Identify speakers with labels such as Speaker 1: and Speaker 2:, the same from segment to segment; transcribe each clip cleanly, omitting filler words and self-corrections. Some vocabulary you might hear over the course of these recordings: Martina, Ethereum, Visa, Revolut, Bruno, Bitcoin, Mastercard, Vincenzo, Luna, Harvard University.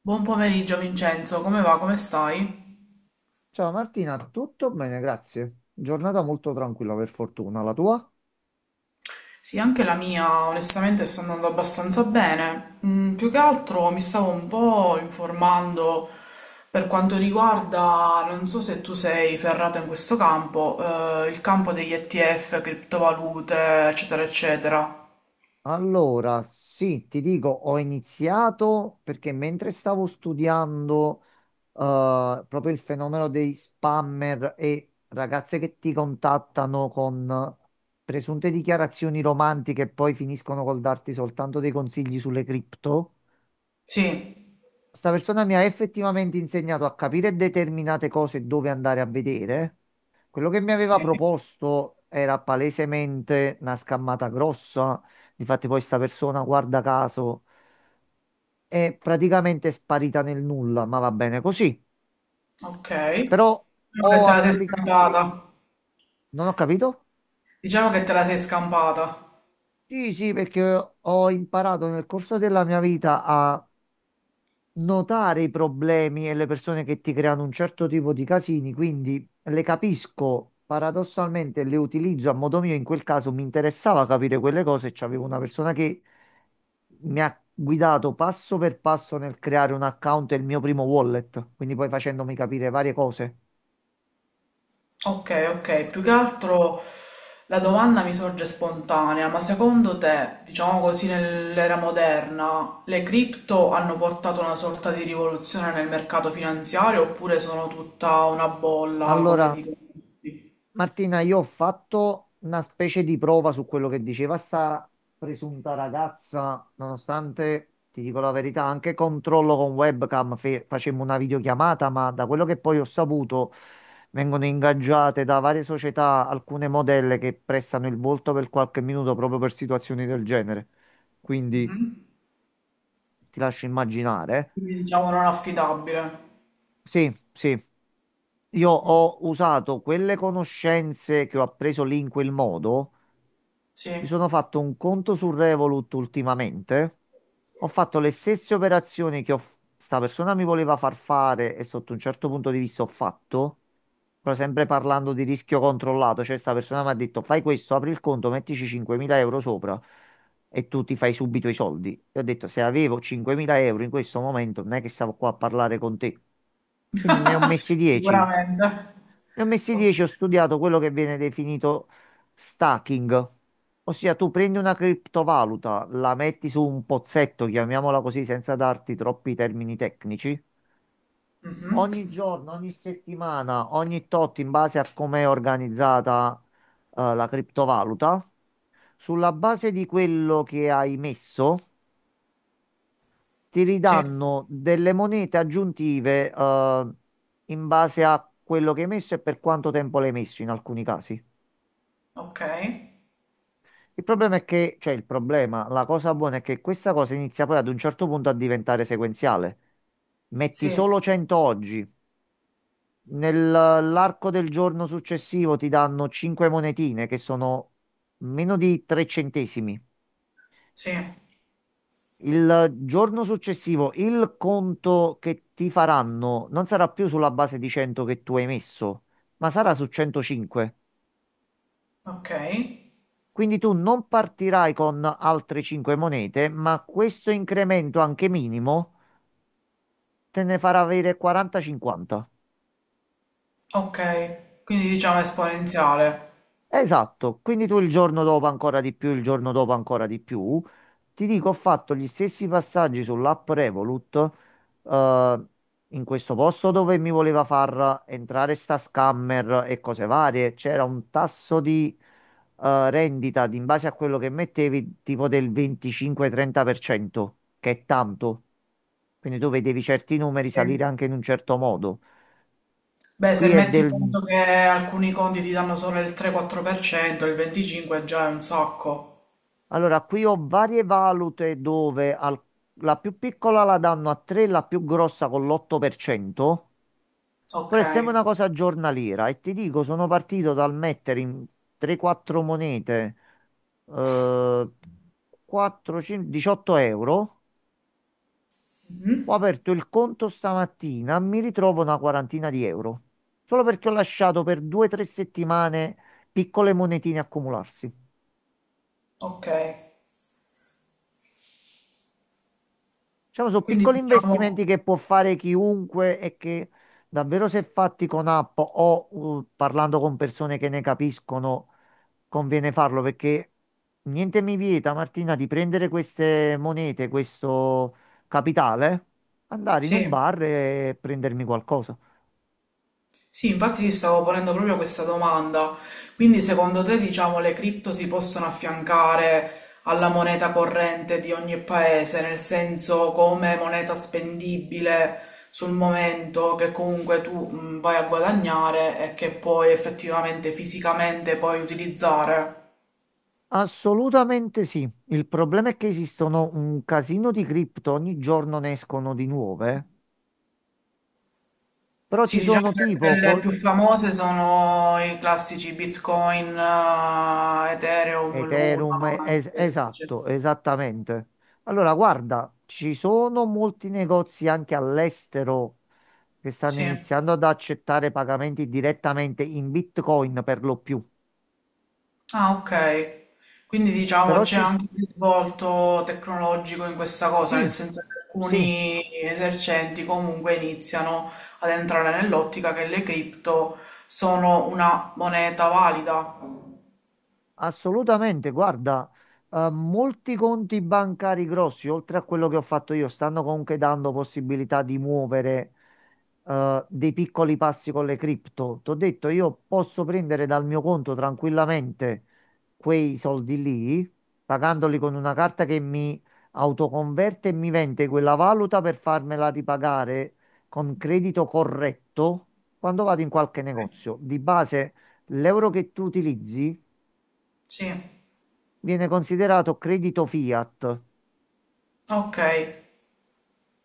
Speaker 1: Buon pomeriggio Vincenzo, come va? Come stai?
Speaker 2: Ciao Martina, tutto bene, grazie. Giornata molto tranquilla per fortuna, la tua?
Speaker 1: Sì, anche la mia onestamente sta andando abbastanza bene. Più che altro mi stavo un po' informando per quanto riguarda, non so se tu sei ferrato in questo campo, il campo degli ETF, criptovalute, eccetera, eccetera.
Speaker 2: Allora, sì, ti dico, ho iniziato perché mentre stavo studiando proprio il fenomeno dei spammer e ragazze che ti contattano con presunte dichiarazioni romantiche e poi finiscono col darti soltanto dei consigli sulle cripto,
Speaker 1: Sì.
Speaker 2: sta persona mi ha effettivamente insegnato a capire determinate cose e dove andare a vedere. Quello che mi aveva
Speaker 1: Sì.
Speaker 2: proposto era palesemente una scammata grossa. Difatti, poi sta persona, guarda caso, è praticamente sparita nel nulla, ma va bene così.
Speaker 1: Ok.
Speaker 2: Però
Speaker 1: Diciamo che
Speaker 2: ho
Speaker 1: te la sei
Speaker 2: applicato,
Speaker 1: scampata.
Speaker 2: non ho capito?
Speaker 1: Diciamo che te la sei scampata.
Speaker 2: Sì, sì, perché ho imparato nel corso della mia vita a notare i problemi e le persone che ti creano un certo tipo di casini, quindi le capisco, paradossalmente le utilizzo a modo mio, in quel caso mi interessava capire quelle cose, c'avevo una persona che mi ha guidato passo per passo nel creare un account e il mio primo wallet, quindi poi facendomi capire varie cose.
Speaker 1: Ok, ok, più che altro la domanda mi sorge spontanea, ma secondo te, diciamo così, nell'era moderna, le cripto hanno portato una sorta di rivoluzione nel mercato finanziario oppure sono tutta una bolla, come
Speaker 2: Allora
Speaker 1: dicono tutti?
Speaker 2: Martina, io ho fatto una specie di prova su quello che diceva sta presunta ragazza, nonostante, ti dico la verità, anche controllo con webcam, facemmo una videochiamata, ma da quello che poi ho saputo, vengono ingaggiate da varie società alcune modelle che prestano il volto per qualche minuto proprio per situazioni del genere. Quindi
Speaker 1: Mhm.
Speaker 2: ti lascio immaginare.
Speaker 1: Quindi diciamo non affidabile.
Speaker 2: Sì, sì. Io ho usato quelle conoscenze che ho appreso lì in quel modo.
Speaker 1: Sì,
Speaker 2: Mi sono fatto un conto su Revolut ultimamente. Ho fatto le stesse operazioni che ho, sta persona mi voleva far fare e sotto un certo punto di vista ho fatto, però sempre parlando di rischio controllato, cioè sta persona mi ha detto fai questo, apri il conto, mettici 5.000 euro sopra e tu ti fai subito i soldi. E ho detto se avevo 5.000 euro in questo momento non è che stavo qua a parlare con te. Quindi ne ho messi 10.
Speaker 1: sicuramente.
Speaker 2: Ne ho messi
Speaker 1: O-
Speaker 2: 10, ho studiato quello che viene definito stacking, ossia tu prendi una criptovaluta, la metti su un pozzetto, chiamiamola così, senza darti troppi termini tecnici.
Speaker 1: mhm.
Speaker 2: Ogni giorno, ogni settimana, ogni tot, in base a come è organizzata, la criptovaluta, sulla base di quello che hai messo, ti
Speaker 1: Sì,
Speaker 2: ridanno delle monete aggiuntive, in base a quello che hai messo e per quanto tempo l'hai messo in alcuni casi.
Speaker 1: ok.
Speaker 2: Il problema è che, cioè il problema, la cosa buona è che questa cosa inizia poi ad un certo punto a diventare sequenziale. Metti
Speaker 1: Sì,
Speaker 2: solo 100 oggi, nell'arco del giorno successivo ti danno 5 monetine che sono meno di 3 centesimi.
Speaker 1: sì,
Speaker 2: Il giorno successivo il conto che ti faranno non sarà più sulla base di 100 che tu hai messo, ma sarà su 105.
Speaker 1: ok.
Speaker 2: Quindi tu non partirai con altre 5 monete, ma questo incremento anche minimo te ne farà avere 40-50.
Speaker 1: Ok, quindi diciamo esponenziale.
Speaker 2: Esatto, quindi tu il giorno dopo ancora di più, il giorno dopo ancora di più. Ti dico, ho fatto gli stessi passaggi sull'app Revolut, eh, in questo posto dove mi voleva far entrare sta scammer e cose varie. C'era un tasso di rendita in base a quello che mettevi, tipo del 25-30%, che è tanto. Quindi tu vedevi certi numeri
Speaker 1: Sì.
Speaker 2: salire anche in un certo modo.
Speaker 1: Beh,
Speaker 2: Qui
Speaker 1: se
Speaker 2: è
Speaker 1: metti
Speaker 2: del.
Speaker 1: conto che alcuni conti ti danno solo il 3-4%, il 25% già è un sacco.
Speaker 2: Allora, qui ho varie valute dove la più piccola la danno a 3, la più grossa con l'8%,
Speaker 1: Ok.
Speaker 2: però è sempre una cosa giornaliera e ti dico, sono partito dal mettere in 3-4 monete eh, 4, 5, 18 euro,
Speaker 1: Mhm.
Speaker 2: ho aperto il conto stamattina, mi ritrovo una quarantina di euro, solo perché ho lasciato per 2-3 settimane piccole monetine accumularsi.
Speaker 1: Ok.
Speaker 2: Diciamo, sono
Speaker 1: Quindi
Speaker 2: piccoli
Speaker 1: diciamo,
Speaker 2: investimenti che può fare chiunque e che davvero se fatti con app o parlando con persone che ne capiscono, conviene farlo perché niente mi vieta, Martina, di prendere queste monete, questo capitale, andare in un
Speaker 1: sì.
Speaker 2: bar e prendermi qualcosa.
Speaker 1: Sì, infatti ti stavo ponendo proprio questa domanda. Quindi secondo te, diciamo, le cripto si possono affiancare alla moneta corrente di ogni paese, nel senso come moneta spendibile sul momento che comunque tu vai a guadagnare e che puoi effettivamente fisicamente puoi utilizzare?
Speaker 2: Assolutamente sì. Il problema è che esistono un casino di cripto, ogni giorno ne escono di nuove. Però ci
Speaker 1: Sì, diciamo
Speaker 2: sono
Speaker 1: che
Speaker 2: tipo
Speaker 1: quelle più famose sono i classici Bitcoin, Ethereum, Luna,
Speaker 2: Ethereum,
Speaker 1: questi, cioè.
Speaker 2: esatto, esattamente. Allora, guarda, ci sono molti negozi anche all'estero che stanno
Speaker 1: Sì.
Speaker 2: iniziando ad accettare pagamenti direttamente in Bitcoin per lo più.
Speaker 1: Ah, ok. Quindi diciamo
Speaker 2: Però
Speaker 1: c'è
Speaker 2: ci... s-
Speaker 1: anche un risvolto tecnologico in questa cosa,
Speaker 2: Sì,
Speaker 1: nel senso che
Speaker 2: sì.
Speaker 1: alcuni esercenti comunque iniziano ad entrare nell'ottica che le cripto sono una moneta valida.
Speaker 2: Assolutamente, guarda, molti conti bancari grossi, oltre a quello che ho fatto io, stanno comunque dando possibilità di muovere dei piccoli passi con le cripto. Ti ho detto, io posso prendere dal mio conto tranquillamente quei soldi lì, pagandoli con una carta che mi autoconverte e mi vende quella valuta per farmela ripagare con credito corretto quando vado in qualche negozio. Di base, l'euro che tu utilizzi
Speaker 1: Sì,
Speaker 2: viene considerato credito fiat,
Speaker 1: ok,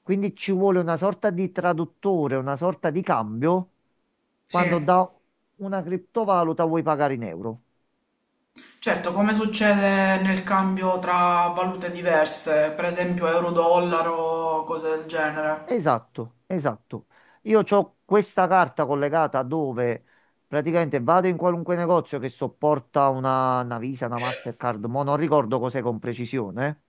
Speaker 2: quindi ci vuole una sorta di traduttore, una sorta di cambio
Speaker 1: sì.
Speaker 2: quando da una criptovaluta vuoi pagare in euro.
Speaker 1: Certo, come succede nel cambio tra valute diverse, per esempio euro-dollaro, cose del genere.
Speaker 2: Esatto, esatto. Io ho questa carta collegata dove praticamente vado in qualunque negozio che sopporta una Visa, una Mastercard, ma non ricordo cos'è con precisione.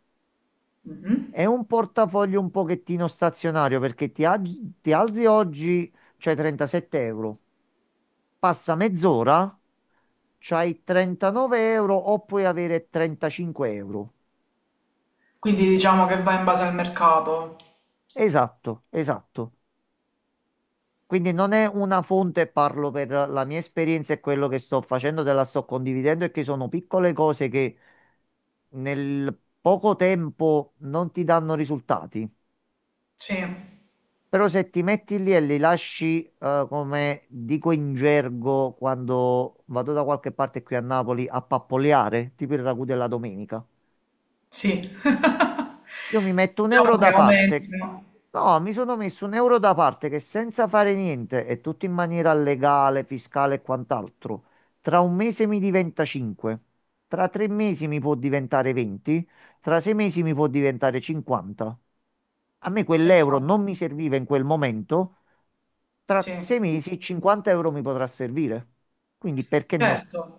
Speaker 2: È un portafoglio un pochettino stazionario perché ti, ti alzi oggi, c'è 37 euro, passa mezz'ora c'hai 39 euro o puoi avere 35 euro.
Speaker 1: Quindi diciamo che va in base al mercato.
Speaker 2: Esatto, esatto. Quindi non è una fonte, parlo per la mia esperienza e quello che sto facendo, te la sto condividendo e che sono piccole cose che nel poco tempo non ti danno risultati.
Speaker 1: Sì,
Speaker 2: Però se ti metti lì e li lasci, come dico in gergo quando vado da qualche parte qui a Napoli, a pappoleare, tipo il ragù della domenica.
Speaker 1: sì.
Speaker 2: Io mi metto un euro
Speaker 1: Diciamo che
Speaker 2: da parte.
Speaker 1: aumenta.
Speaker 2: No, mi sono messo un euro da parte che senza fare niente e tutto in maniera legale, fiscale e quant'altro, tra un mese mi diventa 5, tra 3 mesi mi può diventare 20, tra 6 mesi mi può diventare 50. A me quell'euro non mi
Speaker 1: Esatto.
Speaker 2: serviva in quel momento, tra
Speaker 1: Sì,
Speaker 2: 6 mesi 50 euro mi potrà servire. Quindi perché no?
Speaker 1: certo.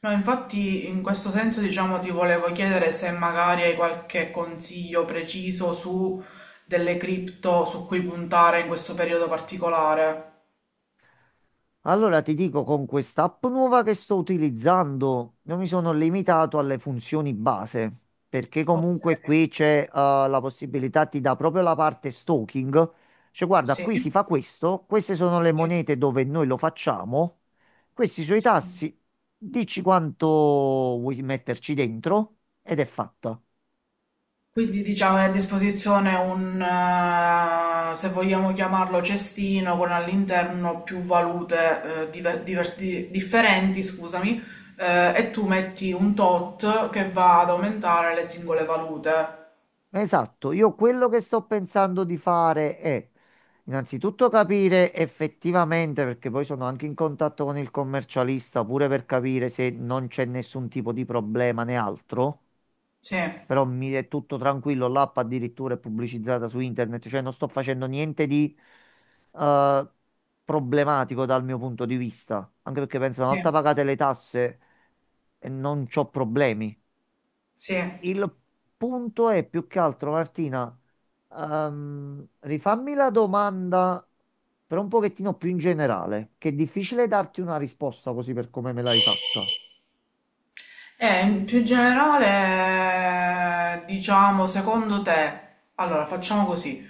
Speaker 1: No, infatti in questo senso diciamo ti volevo chiedere se magari hai qualche consiglio preciso su delle cripto su cui puntare in questo periodo particolare.
Speaker 2: Allora ti dico, con quest'app nuova che sto utilizzando, io mi sono limitato alle funzioni base, perché
Speaker 1: Ok,
Speaker 2: comunque qui c'è la possibilità, ti dà proprio la parte stalking, cioè guarda,
Speaker 1: sì.
Speaker 2: qui si fa questo, queste sono le
Speaker 1: Sì.
Speaker 2: monete dove noi lo facciamo, questi sono i
Speaker 1: Sì.
Speaker 2: tassi, dici quanto vuoi metterci dentro ed è fatta.
Speaker 1: Quindi diciamo è a disposizione un, se vogliamo chiamarlo cestino, con all'interno più valute differenti, scusami, e tu metti un tot che va ad aumentare le singole valute.
Speaker 2: Esatto, io quello che sto pensando di fare è innanzitutto capire effettivamente, perché poi sono anche in contatto con il commercialista, pure per capire se non c'è nessun tipo di problema né altro,
Speaker 1: Sì,
Speaker 2: però mi è tutto tranquillo, l'app addirittura è pubblicizzata su internet, cioè non sto facendo niente di eh, problematico dal mio punto di vista, anche perché penso una volta
Speaker 1: sì,
Speaker 2: pagate le tasse non c'ho problemi.
Speaker 1: sì.
Speaker 2: Il punto è più che altro, Martina, rifammi la domanda però un pochettino più in generale, che è difficile darti una risposta così per come me l'hai fatta.
Speaker 1: E in più generale, diciamo, secondo te, allora facciamo così,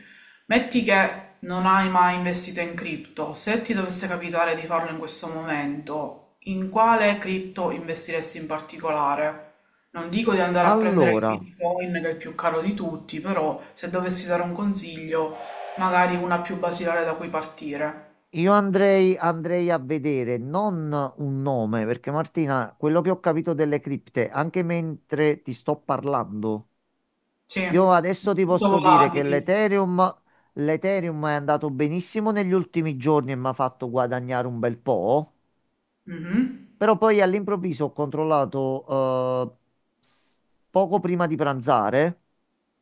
Speaker 1: metti che non hai mai investito in cripto, se ti dovesse capitare di farlo in questo momento, in quale cripto investiresti in particolare? Non dico di andare a prendere il
Speaker 2: Allora,
Speaker 1: Bitcoin, che è il più caro di tutti, però se dovessi dare un consiglio, magari una più basilare da cui partire.
Speaker 2: io andrei a vedere non un nome, perché Martina, quello che ho capito delle cripte, anche mentre ti sto parlando,
Speaker 1: Sì,
Speaker 2: io adesso
Speaker 1: sono
Speaker 2: ti
Speaker 1: molto
Speaker 2: posso dire che
Speaker 1: volatili.
Speaker 2: l'Ethereum è andato benissimo negli ultimi giorni e mi ha fatto guadagnare un bel po'.
Speaker 1: Mhm.
Speaker 2: Però poi all'improvviso ho controllato, eh, poco prima di pranzare,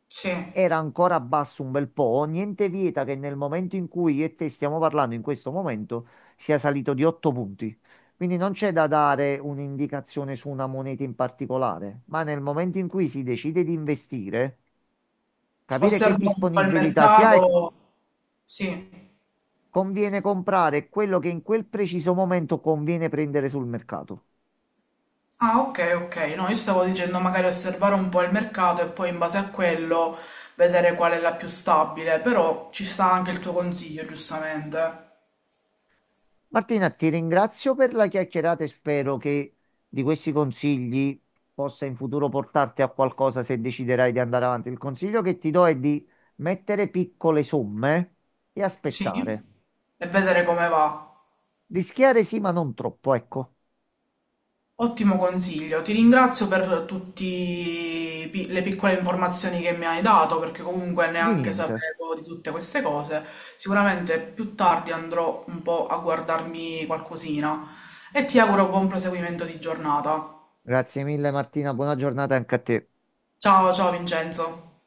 Speaker 1: Sì.
Speaker 2: era ancora basso un bel po', niente vieta che nel momento in cui io e te stiamo parlando in questo momento sia salito di 8 punti. Quindi non c'è da dare un'indicazione su una moneta in particolare, ma nel momento in cui si decide di investire, capire che
Speaker 1: Osservo un po' il
Speaker 2: disponibilità si ha e
Speaker 1: mercato, sì.
Speaker 2: conviene comprare quello che in quel preciso momento conviene prendere sul mercato.
Speaker 1: Ah, ok, ok. No, io stavo dicendo magari osservare un po' il mercato e poi in base a quello vedere qual è la più stabile, però ci sta anche il tuo consiglio, giustamente.
Speaker 2: Martina, ti ringrazio per la chiacchierata e spero che di questi consigli possa in futuro portarti a qualcosa se deciderai di andare avanti. Il consiglio che ti do è di mettere piccole somme e
Speaker 1: Sì,
Speaker 2: aspettare.
Speaker 1: e vedere come va.
Speaker 2: Rischiare sì, ma non troppo, ecco,
Speaker 1: Ottimo consiglio, ti ringrazio per tutte le piccole informazioni che mi hai dato perché comunque
Speaker 2: di
Speaker 1: neanche
Speaker 2: niente.
Speaker 1: sapevo di tutte queste cose. Sicuramente più tardi andrò un po' a guardarmi qualcosina e ti auguro buon proseguimento di giornata.
Speaker 2: Grazie mille Martina, buona giornata anche a te.
Speaker 1: Ciao ciao Vincenzo.